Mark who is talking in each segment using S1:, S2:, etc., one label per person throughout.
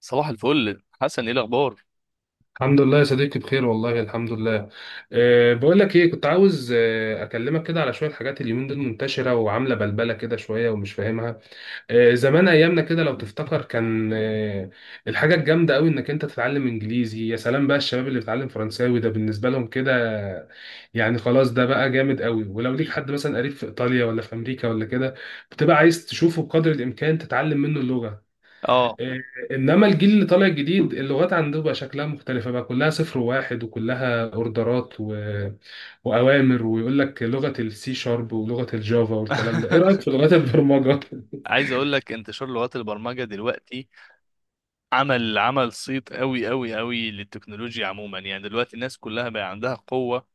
S1: صباح الفل حسن، ايه الاخبار؟
S2: الحمد لله يا صديقي، بخير والله، الحمد لله. بقول لك ايه، كنت عاوز اكلمك كده على شويه حاجات اليومين دول منتشره وعامله بلبله كده شويه ومش فاهمها. زمان ايامنا كده لو تفتكر، كان الحاجه الجامده قوي انك انت تتعلم انجليزي. يا سلام بقى، الشباب اللي بيتعلم فرنساوي ده بالنسبه لهم كده يعني خلاص، ده بقى جامد قوي. ولو ليك حد مثلا قريب في ايطاليا ولا في امريكا ولا كده، بتبقى عايز تشوفه بقدر الامكان تتعلم منه اللغه.
S1: اه
S2: إيه، انما الجيل اللي طالع جديد، اللغات عنده بقى شكلها مختلفه، بقى كلها صفر وواحد وكلها اوردرات واوامر. ويقول لك لغه السي شارب ولغه الجافا والكلام ده. ايه رايك في لغات البرمجه
S1: عايز اقول لك انتشار لغات البرمجه دلوقتي عمل صيت قوي قوي قوي للتكنولوجيا عموما. يعني دلوقتي الناس كلها بقى عندها قوه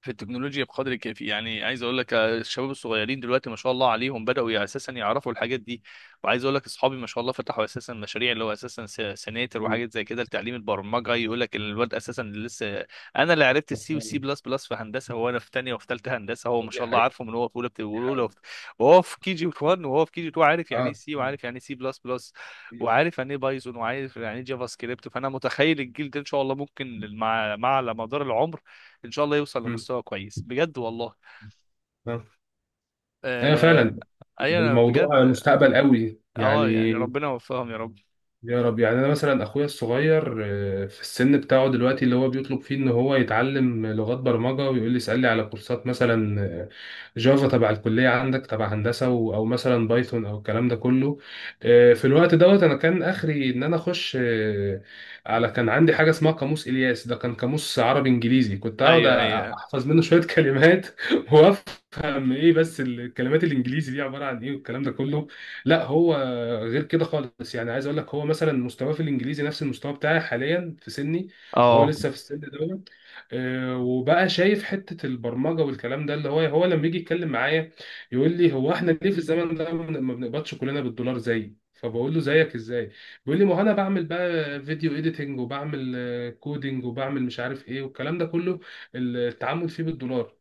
S1: في التكنولوجيا بقدر كافي. يعني عايز اقول لك، الشباب الصغيرين دلوقتي ما شاء الله عليهم، اساسا يعرفوا الحاجات دي. وعايز اقول لك اصحابي ما شاء الله، فتحوا اساسا مشاريع اللي هو اساسا سناتر
S2: مم.
S1: وحاجات زي كده لتعليم البرمجه. يقول لك الواد اساسا اللي لسه، انا اللي عرفت
S2: ما
S1: السي
S2: شاء
S1: والسي
S2: الله.
S1: بلس بلس في هندسه، وانا في ثانيه وفي ثالثه هندسه، هو ما
S2: دي
S1: شاء الله
S2: حقيقه،
S1: عارفه من هو في اولى.
S2: دي حقيقه.
S1: وهو في كي جي 1 وهو في كي جي 2 عارف يعني ايه
S2: اه.
S1: سي، وعارف يعني ايه سي بلس بلس،
S2: مم.
S1: وعارف يعني ايه بايثون، وعارف يعني ايه جافا سكريبت. فانا متخيل الجيل ده ان شاء الله ممكن مع على مدار العمر ان شاء الله يوصل
S2: مم.
S1: لمستوى كويس بجد والله.
S2: آه. ايوه
S1: آه،
S2: فعلا.
S1: ايوه، انا
S2: الموضوع
S1: بجد.
S2: مستقبل قوي
S1: اه يعني
S2: يعني.
S1: ربنا يوفقهم يا رب.
S2: يا رب يعني. انا مثلا اخويا الصغير، في السن بتاعه دلوقتي اللي هو بيطلب فيه ان هو يتعلم لغات برمجه، ويقول لي اسال لي على كورسات مثلا جافا تبع الكليه عندك تبع هندسه او مثلا بايثون او الكلام ده كله. في الوقت دوت، انا كان اخري ان انا اخش على. كان عندي حاجه اسمها قاموس الياس، ده كان قاموس عربي انجليزي كنت اقعد
S1: ايوه، ايوه،
S2: احفظ منه شويه كلمات وافهم ايه بس الكلمات الانجليزي دي عباره عن ايه والكلام ده كله. لا، هو غير كده خالص يعني. عايز اقول لك هو مثلا مستواه في الانجليزي نفس المستوى بتاعي حاليا في سني، وهو
S1: اه.
S2: لسه في السن دوت. وبقى شايف حته البرمجه والكلام ده اللي هو لما يجي يتكلم معايا يقول لي: هو احنا ليه في الزمن ده ما بنقبضش كلنا بالدولار؟ زي، فبقول له: زيك ازاي؟ بيقول لي: ما هو انا بعمل بقى فيديو اديتنج، وبعمل كودينج، وبعمل مش عارف ايه والكلام ده كله، التعامل فيه بالدولار.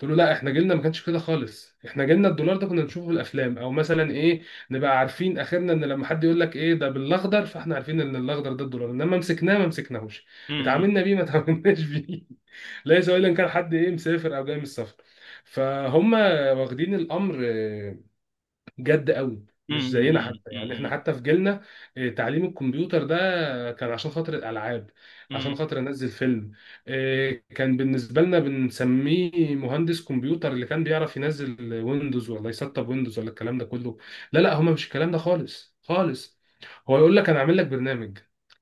S2: قلت له: لا، احنا جيلنا ما كانش كده خالص. احنا جيلنا الدولار ده كنا بنشوفه في الافلام او مثلا ايه، نبقى عارفين اخرنا ان لما حد يقول لك ايه ده بالاخضر، فاحنا عارفين ان الاخضر ده الدولار، انما مسكناه ما مسكناهوش،
S1: أمم،
S2: اتعاملنا بيه ما اتعاملناش بيه. ليس الا ان كان حد ايه مسافر او جاي من السفر فهم، واخدين الامر جد قوي، مش زينا
S1: أمم،
S2: حتى. يعني احنا
S1: أمم،
S2: حتى في جيلنا تعليم الكمبيوتر ده كان عشان خاطر الالعاب،
S1: أمم،
S2: عشان خاطر انزل فيلم. كان بالنسبه لنا بنسميه مهندس كمبيوتر اللي كان بيعرف ينزل ويندوز ولا يسطب ويندوز ولا الكلام ده كله. لا لا، هما مش الكلام ده خالص خالص. هو يقول لك: انا اعمل لك برنامج،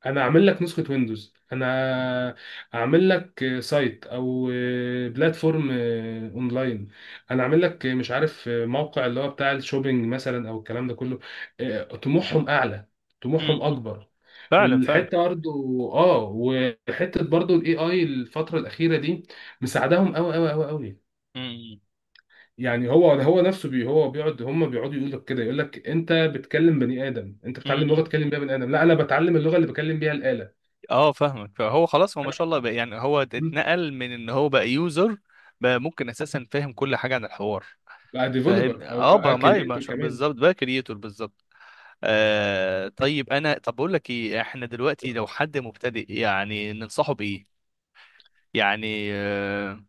S2: انا اعمل لك نسخه ويندوز، انا اعمل لك سايت او بلاتفورم اونلاين، انا عامل لك مش عارف موقع اللي هو بتاع الشوبينج مثلا او الكلام ده كله. طموحهم اعلى، طموحهم
S1: أمم.
S2: اكبر.
S1: فعلا فعلا.
S2: الحته برضه. اه، وحته برضه الاي اي الفتره الاخيره دي مساعدهم قوي قوي قوي قوي.
S1: أمم،
S2: يعني هو نفسه. هو بيقعد، هم بيقعدوا يقول لك كده، يقول لك: انت بتكلم بني ادم، انت بتتعلم
S1: أمم.
S2: لغه تكلم بيها بني ادم. لا، انا بتعلم اللغه اللي بكلم بيها الاله.
S1: اه فاهمك. فهو خلاص، هو ما
S2: انا
S1: شاء الله بقى، يعني هو اتنقل من ان هو بقى يوزر، بقى ممكن اساسا فاهم كل حاجه عن الحوار.
S2: بقى
S1: فاهم،
S2: ديفلوبر او
S1: اه،
S2: بقى
S1: بقى ما
S2: كرييتور.
S1: شاء، بالظبط، بقى كرييتور بالظبط. آه طيب، انا طب بقول لك ايه، احنا دلوقتي
S2: كمان.
S1: لو حد مبتدئ يعني ننصحه بايه؟ يعني آه،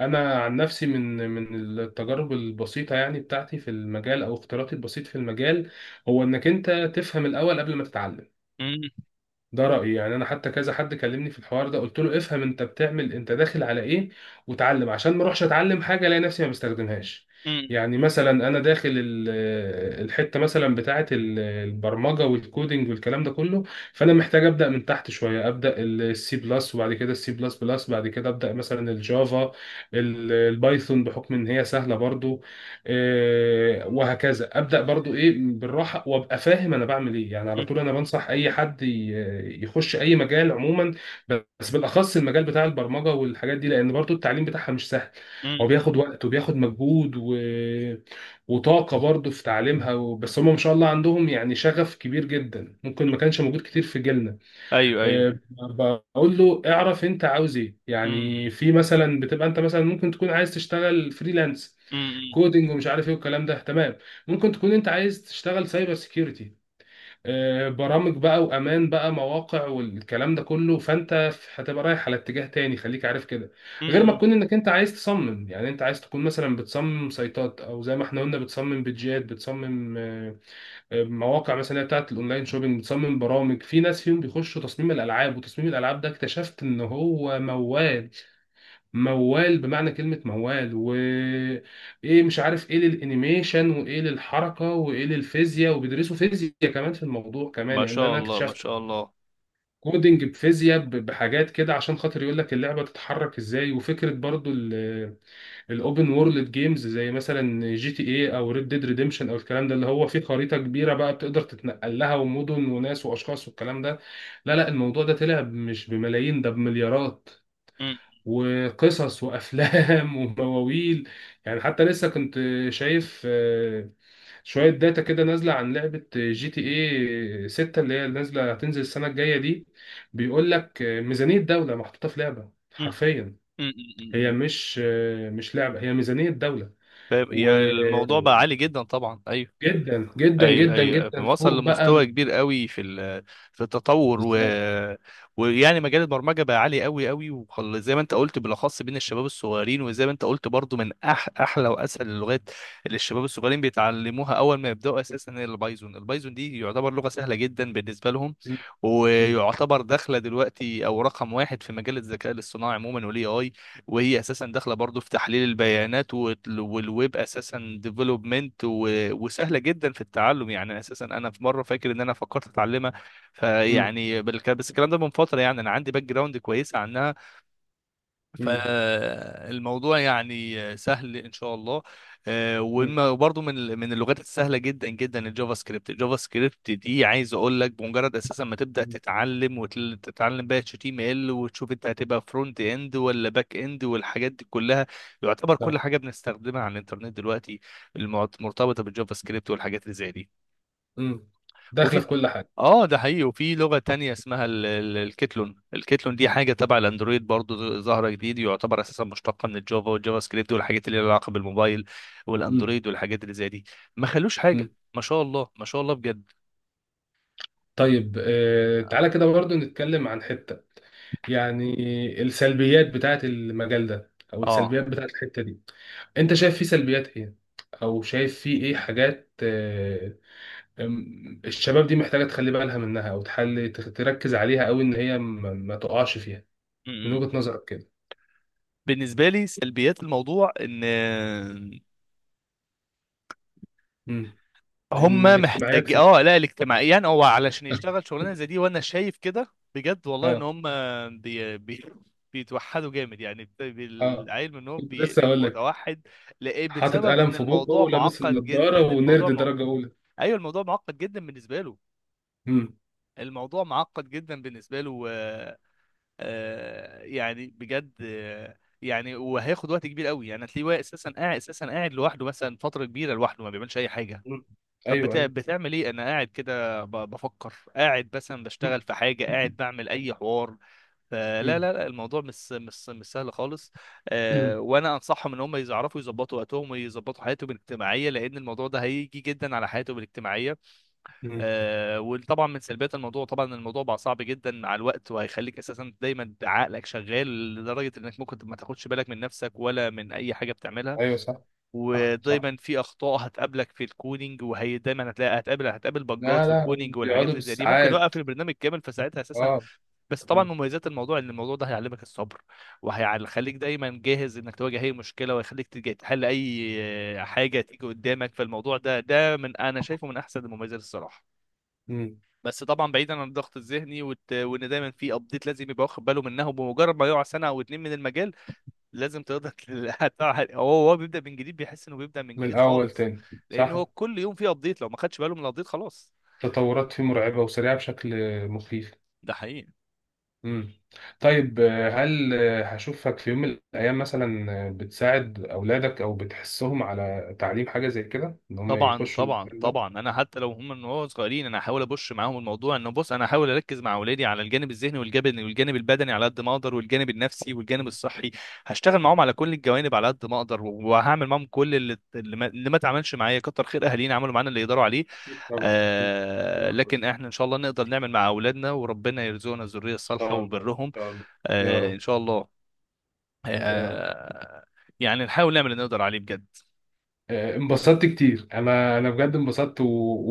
S2: انا عن نفسي من التجارب البسيطه يعني بتاعتي في المجال او اختياراتي البسيط في المجال، هو انك انت تفهم الاول قبل ما تتعلم.
S1: مم،
S2: ده رأيي يعني. أنا حتى كذا حد كلمني في الحوار ده قلت له: افهم أنت بتعمل، أنت داخل على إيه، وتعلم، عشان ما أروحش أتعلم حاجة ألاقي نفسي ما بستخدمهاش.
S1: مم،
S2: يعني مثلا أنا داخل الحتة مثلا بتاعة البرمجة والكودينج والكلام ده كله، فأنا محتاج أبدأ من تحت شوية. أبدأ السي بلس، وبعد كده السي بلس بلس، بعد كده أبدأ مثلا الجافا، البايثون، بحكم إن هي سهلة برضو. وهكذا ابدا برضو ايه بالراحه، وابقى فاهم انا بعمل ايه. يعني على
S1: مم،
S2: طول انا بنصح اي حد يخش اي مجال عموما، بس بالاخص المجال بتاع البرمجه والحاجات دي، لان برضو التعليم بتاعها مش سهل.
S1: مم،
S2: هو بياخد وقت وبياخد مجهود وطاقه برضو في تعليمها بس هم ما شاء الله عندهم يعني شغف كبير جدا ممكن
S1: مم.
S2: ما كانش موجود كتير في جيلنا.
S1: ايوه ايوه.
S2: آه، بقول له: اعرف انت عاوز ايه،
S1: مم،
S2: يعني
S1: مم،
S2: في مثلا بتبقى انت مثلا ممكن تكون عايز تشتغل فريلانس
S1: مم،
S2: كودينج ومش عارف ايه والكلام ده، تمام. ممكن تكون انت عايز تشتغل سايبر سيكيورتي برامج بقى وامان بقى مواقع والكلام ده كله، فانت هتبقى رايح على اتجاه تاني، خليك عارف كده.
S1: مم،
S2: غير ما
S1: مم.
S2: تكون انك انت عايز تصمم. يعني انت عايز تكون مثلا بتصمم سايتات، او زي ما احنا قلنا بتصمم بيدجات، بتصمم مواقع مثلا اللي هي بتاعت الاونلاين شوبينج، بتصمم برامج. في ناس فيهم بيخشوا تصميم الالعاب، وتصميم الالعاب ده اكتشفت ان هو موال موال، بمعنى كلمة موال. و ايه مش عارف ايه للانيميشن وايه للحركة وايه للفيزياء، وبيدرسوا فيزياء كمان في الموضوع كمان،
S1: ما
S2: يعني اللي
S1: شاء
S2: انا
S1: الله ما
S2: اكتشفته
S1: شاء الله.
S2: كودينج بفيزياء بحاجات كده، عشان خاطر يقول لك اللعبة تتحرك ازاي، وفكرة برضو الاوبن وورلد جيمز زي مثلا جي تي اي او ريد ديد ريديمشن او الكلام ده اللي هو فيه خريطه كبيره بقى بتقدر تتنقل لها ومدن وناس واشخاص والكلام ده. لا لا، الموضوع ده طلع مش بملايين، ده بمليارات
S1: مم،
S2: وقصص وافلام ومواويل. يعني حتى لسه كنت شايف شويه داتا كده نازله عن لعبه جي تي اي 6، اللي هي نازله هتنزل السنه الجايه دي. بيقول لك ميزانيه دوله محطوطه في لعبه
S1: مم،
S2: حرفيا.
S1: مم، مم،
S2: هي
S1: مم.
S2: مش مش لعبه، هي ميزانيه دوله.
S1: فاهم؟ الموضوع بقى
S2: وجدا،
S1: عالي جدا طبعا. ايوه
S2: جدا
S1: ايوه
S2: جدا
S1: ايوه
S2: جدا
S1: أيوه. وصل
S2: فوق بقى
S1: لمستوى كبير قوي في التطور
S2: بالظبط.
S1: ويعني مجال البرمجه بقى عالي قوي قوي، زي ما انت قلت بالاخص بين الشباب الصغيرين، وزي ما انت قلت برضو من احلى واسهل اللغات اللي الشباب الصغيرين بيتعلموها اول ما يبداوا اساسا هي البايثون. البايثون دي يعتبر لغه سهله جدا بالنسبه لهم،
S2: م-. م-.
S1: ويعتبر داخله دلوقتي او رقم واحد في مجال الذكاء الاصطناعي عموما والاي اي. وهي اساسا داخله برضو في تحليل البيانات والويب اساسا ديفلوبمنت، وسهله جدا في التعلم. يعني اساسا انا في مره فاكر ان انا فكرت اتعلمها،
S2: م-.
S1: بس الكلام ده من فتره، يعني انا عندي باك جراوند كويسه عنها.
S2: م-.
S1: فالموضوع يعني سهل ان شاء الله. آه،
S2: م-.
S1: من اللغات السهله جدا جدا الجافا سكريبت. الجافا سكريبت دي عايز اقول لك بمجرد اساسا ما تبدا
S2: م-.
S1: تتعلم وتتعلم بقى اتش تي ام ال، وتشوف انت هتبقى فرونت اند ولا باك اند والحاجات دي كلها، يعتبر كل
S2: طب.
S1: حاجه بنستخدمها على الانترنت دلوقتي مرتبطه بالجافا سكريبت والحاجات اللي زي دي.
S2: م. داخله
S1: وفي،
S2: في كل حاجه.
S1: اه ده حقيقي، وفي لغة تانية اسمها الكيتلون. الكيتلون دي حاجة تبع الاندرويد، برضو ظاهرة جديد، يعتبر اساسا مشتقة من الجافا والجافا سكريبت، والحاجات اللي لها علاقة بالموبايل
S2: م-.
S1: والاندرويد والحاجات اللي زي دي. ما خلوش
S2: م.
S1: حاجة، ما شاء الله ما شاء الله بجد.
S2: طيب تعالى كده برضو نتكلم عن حته يعني السلبيات بتاعت المجال ده او
S1: اه.
S2: السلبيات بتاعت الحته دي. انت شايف فيه سلبيات ايه؟ او شايف فيه ايه حاجات الشباب دي محتاجه تخلي بالها منها، او تحل تركز عليها، او ان هي ما تقعش فيها؟
S1: م-
S2: من
S1: م.
S2: وجهة نظرك كده.
S1: بالنسبة لي سلبيات الموضوع ان
S2: امم.
S1: هم
S2: الاجتماعيات
S1: محتاج اه، لا الاجتماعيا، هو علشان يشتغل شغلانه زي دي، وانا شايف كده بجد والله، ان
S2: اه.
S1: هم بي... بي... بيتوحدوا جامد. يعني
S2: اه،
S1: العيل منهم
S2: كنت لسه
S1: بيقلب
S2: هقول لك:
S1: متوحد. لإيه؟
S2: حاطط
S1: بسبب
S2: قلم
S1: ان
S2: في بقه
S1: الموضوع
S2: ولابس
S1: معقد جدا.
S2: النضاره ونرد درجه اولى.
S1: ايوه الموضوع معقد جدا بالنسبه له.
S2: امم.
S1: الموضوع معقد جدا بالنسبه له. يعني بجد يعني وهياخد وقت كبير قوي. يعني هتلاقيه هو اساسا قاعد، اساسا قاعد لوحده مثلا فتره كبيره لوحده، ما بيعملش اي حاجه.
S2: أمم.
S1: طب
S2: ايوه ايوه.
S1: بتعمل ايه؟ انا قاعد كده بفكر، قاعد مثلا بشتغل في حاجه، قاعد بعمل اي حوار. فلا لا
S2: أمم.
S1: لا الموضوع مش سهل خالص. آه
S2: أمم.
S1: وانا انصحهم ان هم يعرفوا يظبطوا وقتهم ويظبطوا حياتهم الاجتماعيه، لان الموضوع ده هيجي جدا على حياتهم الاجتماعيه.
S2: أمم.
S1: آه، وطبعا من سلبيات الموضوع، طبعا الموضوع بقى صعب جدا مع الوقت، وهيخليك اساسا دايما عقلك شغال لدرجه انك ممكن ما تاخدش بالك من نفسك ولا من اي حاجه بتعملها.
S2: ايوه، صح صح صح.
S1: ودايما في اخطاء هتقابلك في الكودينج، وهي دايما هتلاقي هتقابل بجات
S2: لا
S1: في
S2: لا،
S1: الكودينج والحاجات
S2: بيقعدوا
S1: اللي زي دي، ممكن
S2: بالساعات.
S1: يوقف البرنامج كامل فساعتها اساسا.
S2: اه.
S1: بس طبعا
S2: أمم.
S1: مميزات الموضوع ان الموضوع ده هيعلمك الصبر، وهيخليك دايما جاهز انك تواجه اي مشكله، ويخليك تحل اي حاجه تيجي قدامك. فالموضوع ده من انا شايفه من احسن المميزات الصراحه.
S2: أمم.
S1: بس طبعا بعيدا عن الضغط الذهني وان دايما في ابديت لازم يبقى واخد باله منها، وبمجرد ما يقع سنه او اتنين من المجال لازم تقدر هو بيبدا من جديد، بيحس انه بيبدا من
S2: من
S1: جديد
S2: الاول
S1: خالص.
S2: تاني،
S1: لان
S2: صح.
S1: هو كل يوم فيه ابديت، لو ما خدش باله من الابديت خلاص.
S2: تطورات فيه مرعبه وسريعه بشكل مخيف.
S1: ده حقيقي.
S2: مم. طيب هل هشوفك في يوم من الأيام مثلا بتساعد أولادك أو بتحثهم على تعليم حاجة زي كده، إن هم
S1: طبعا
S2: يخشوا
S1: طبعا
S2: المجال ده؟
S1: طبعا، انا حتى لو هم من وهو صغيرين، انا احاول ابش معاهم الموضوع. انه بص، انا احاول اركز مع اولادي على الجانب الذهني، والجانب البدني على قد ما اقدر، والجانب النفسي والجانب الصحي. هشتغل معاهم على كل الجوانب على قد ما اقدر، وهعمل معاهم كل اللي ما اتعملش معايا. كتر خير اهالينا، عملوا معانا اللي يقدروا عليه.
S2: أكيد طبعا أكيد.
S1: آه،
S2: لحظة، إن
S1: لكن احنا ان شاء الله نقدر نعمل مع اولادنا، وربنا يرزقنا الذريه الصالحه
S2: شاء الله، إن
S1: وبرهم.
S2: شاء الله. يا
S1: آه
S2: رب.
S1: ان شاء الله.
S2: يا رب.
S1: آه يعني نحاول نعمل اللي نقدر عليه بجد.
S2: انبسطت كتير، أنا بجد انبسطت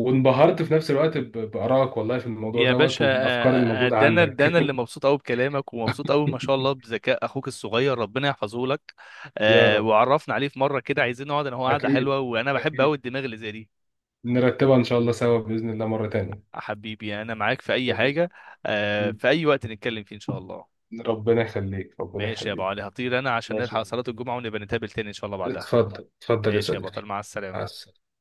S2: وانبهرت في نفس الوقت بآرائك والله في الموضوع
S1: يا
S2: دوت
S1: باشا،
S2: وبالأفكار الموجودة
S1: ده انا ده
S2: عندك.
S1: انا اللي مبسوط قوي بكلامك، ومبسوط قوي ما شاء الله بذكاء اخوك الصغير، ربنا يحفظه لك.
S2: يا رب.
S1: وعرفنا عليه في مره كده، عايزين نقعد انا هو قعده
S2: أكيد
S1: حلوه، وانا بحب
S2: أكيد.
S1: قوي الدماغ اللي زي دي.
S2: نرتبها إن شاء الله سوا بإذن الله مرة
S1: حبيبي يعني انا معاك في اي
S2: تانية.
S1: حاجه، في اي وقت نتكلم فيه ان شاء الله.
S2: ربنا يخليك، ربنا
S1: ماشي يا ابو
S2: يخليك.
S1: علي، هطير انا عشان
S2: ماشي،
S1: نلحق صلاه الجمعه، ونبقى نتقابل تاني ان شاء الله بعدها.
S2: اتفضل اتفضل يا
S1: ماشي يا بطل،
S2: صديقي.
S1: مع
S2: مع
S1: السلامه.
S2: السلامة.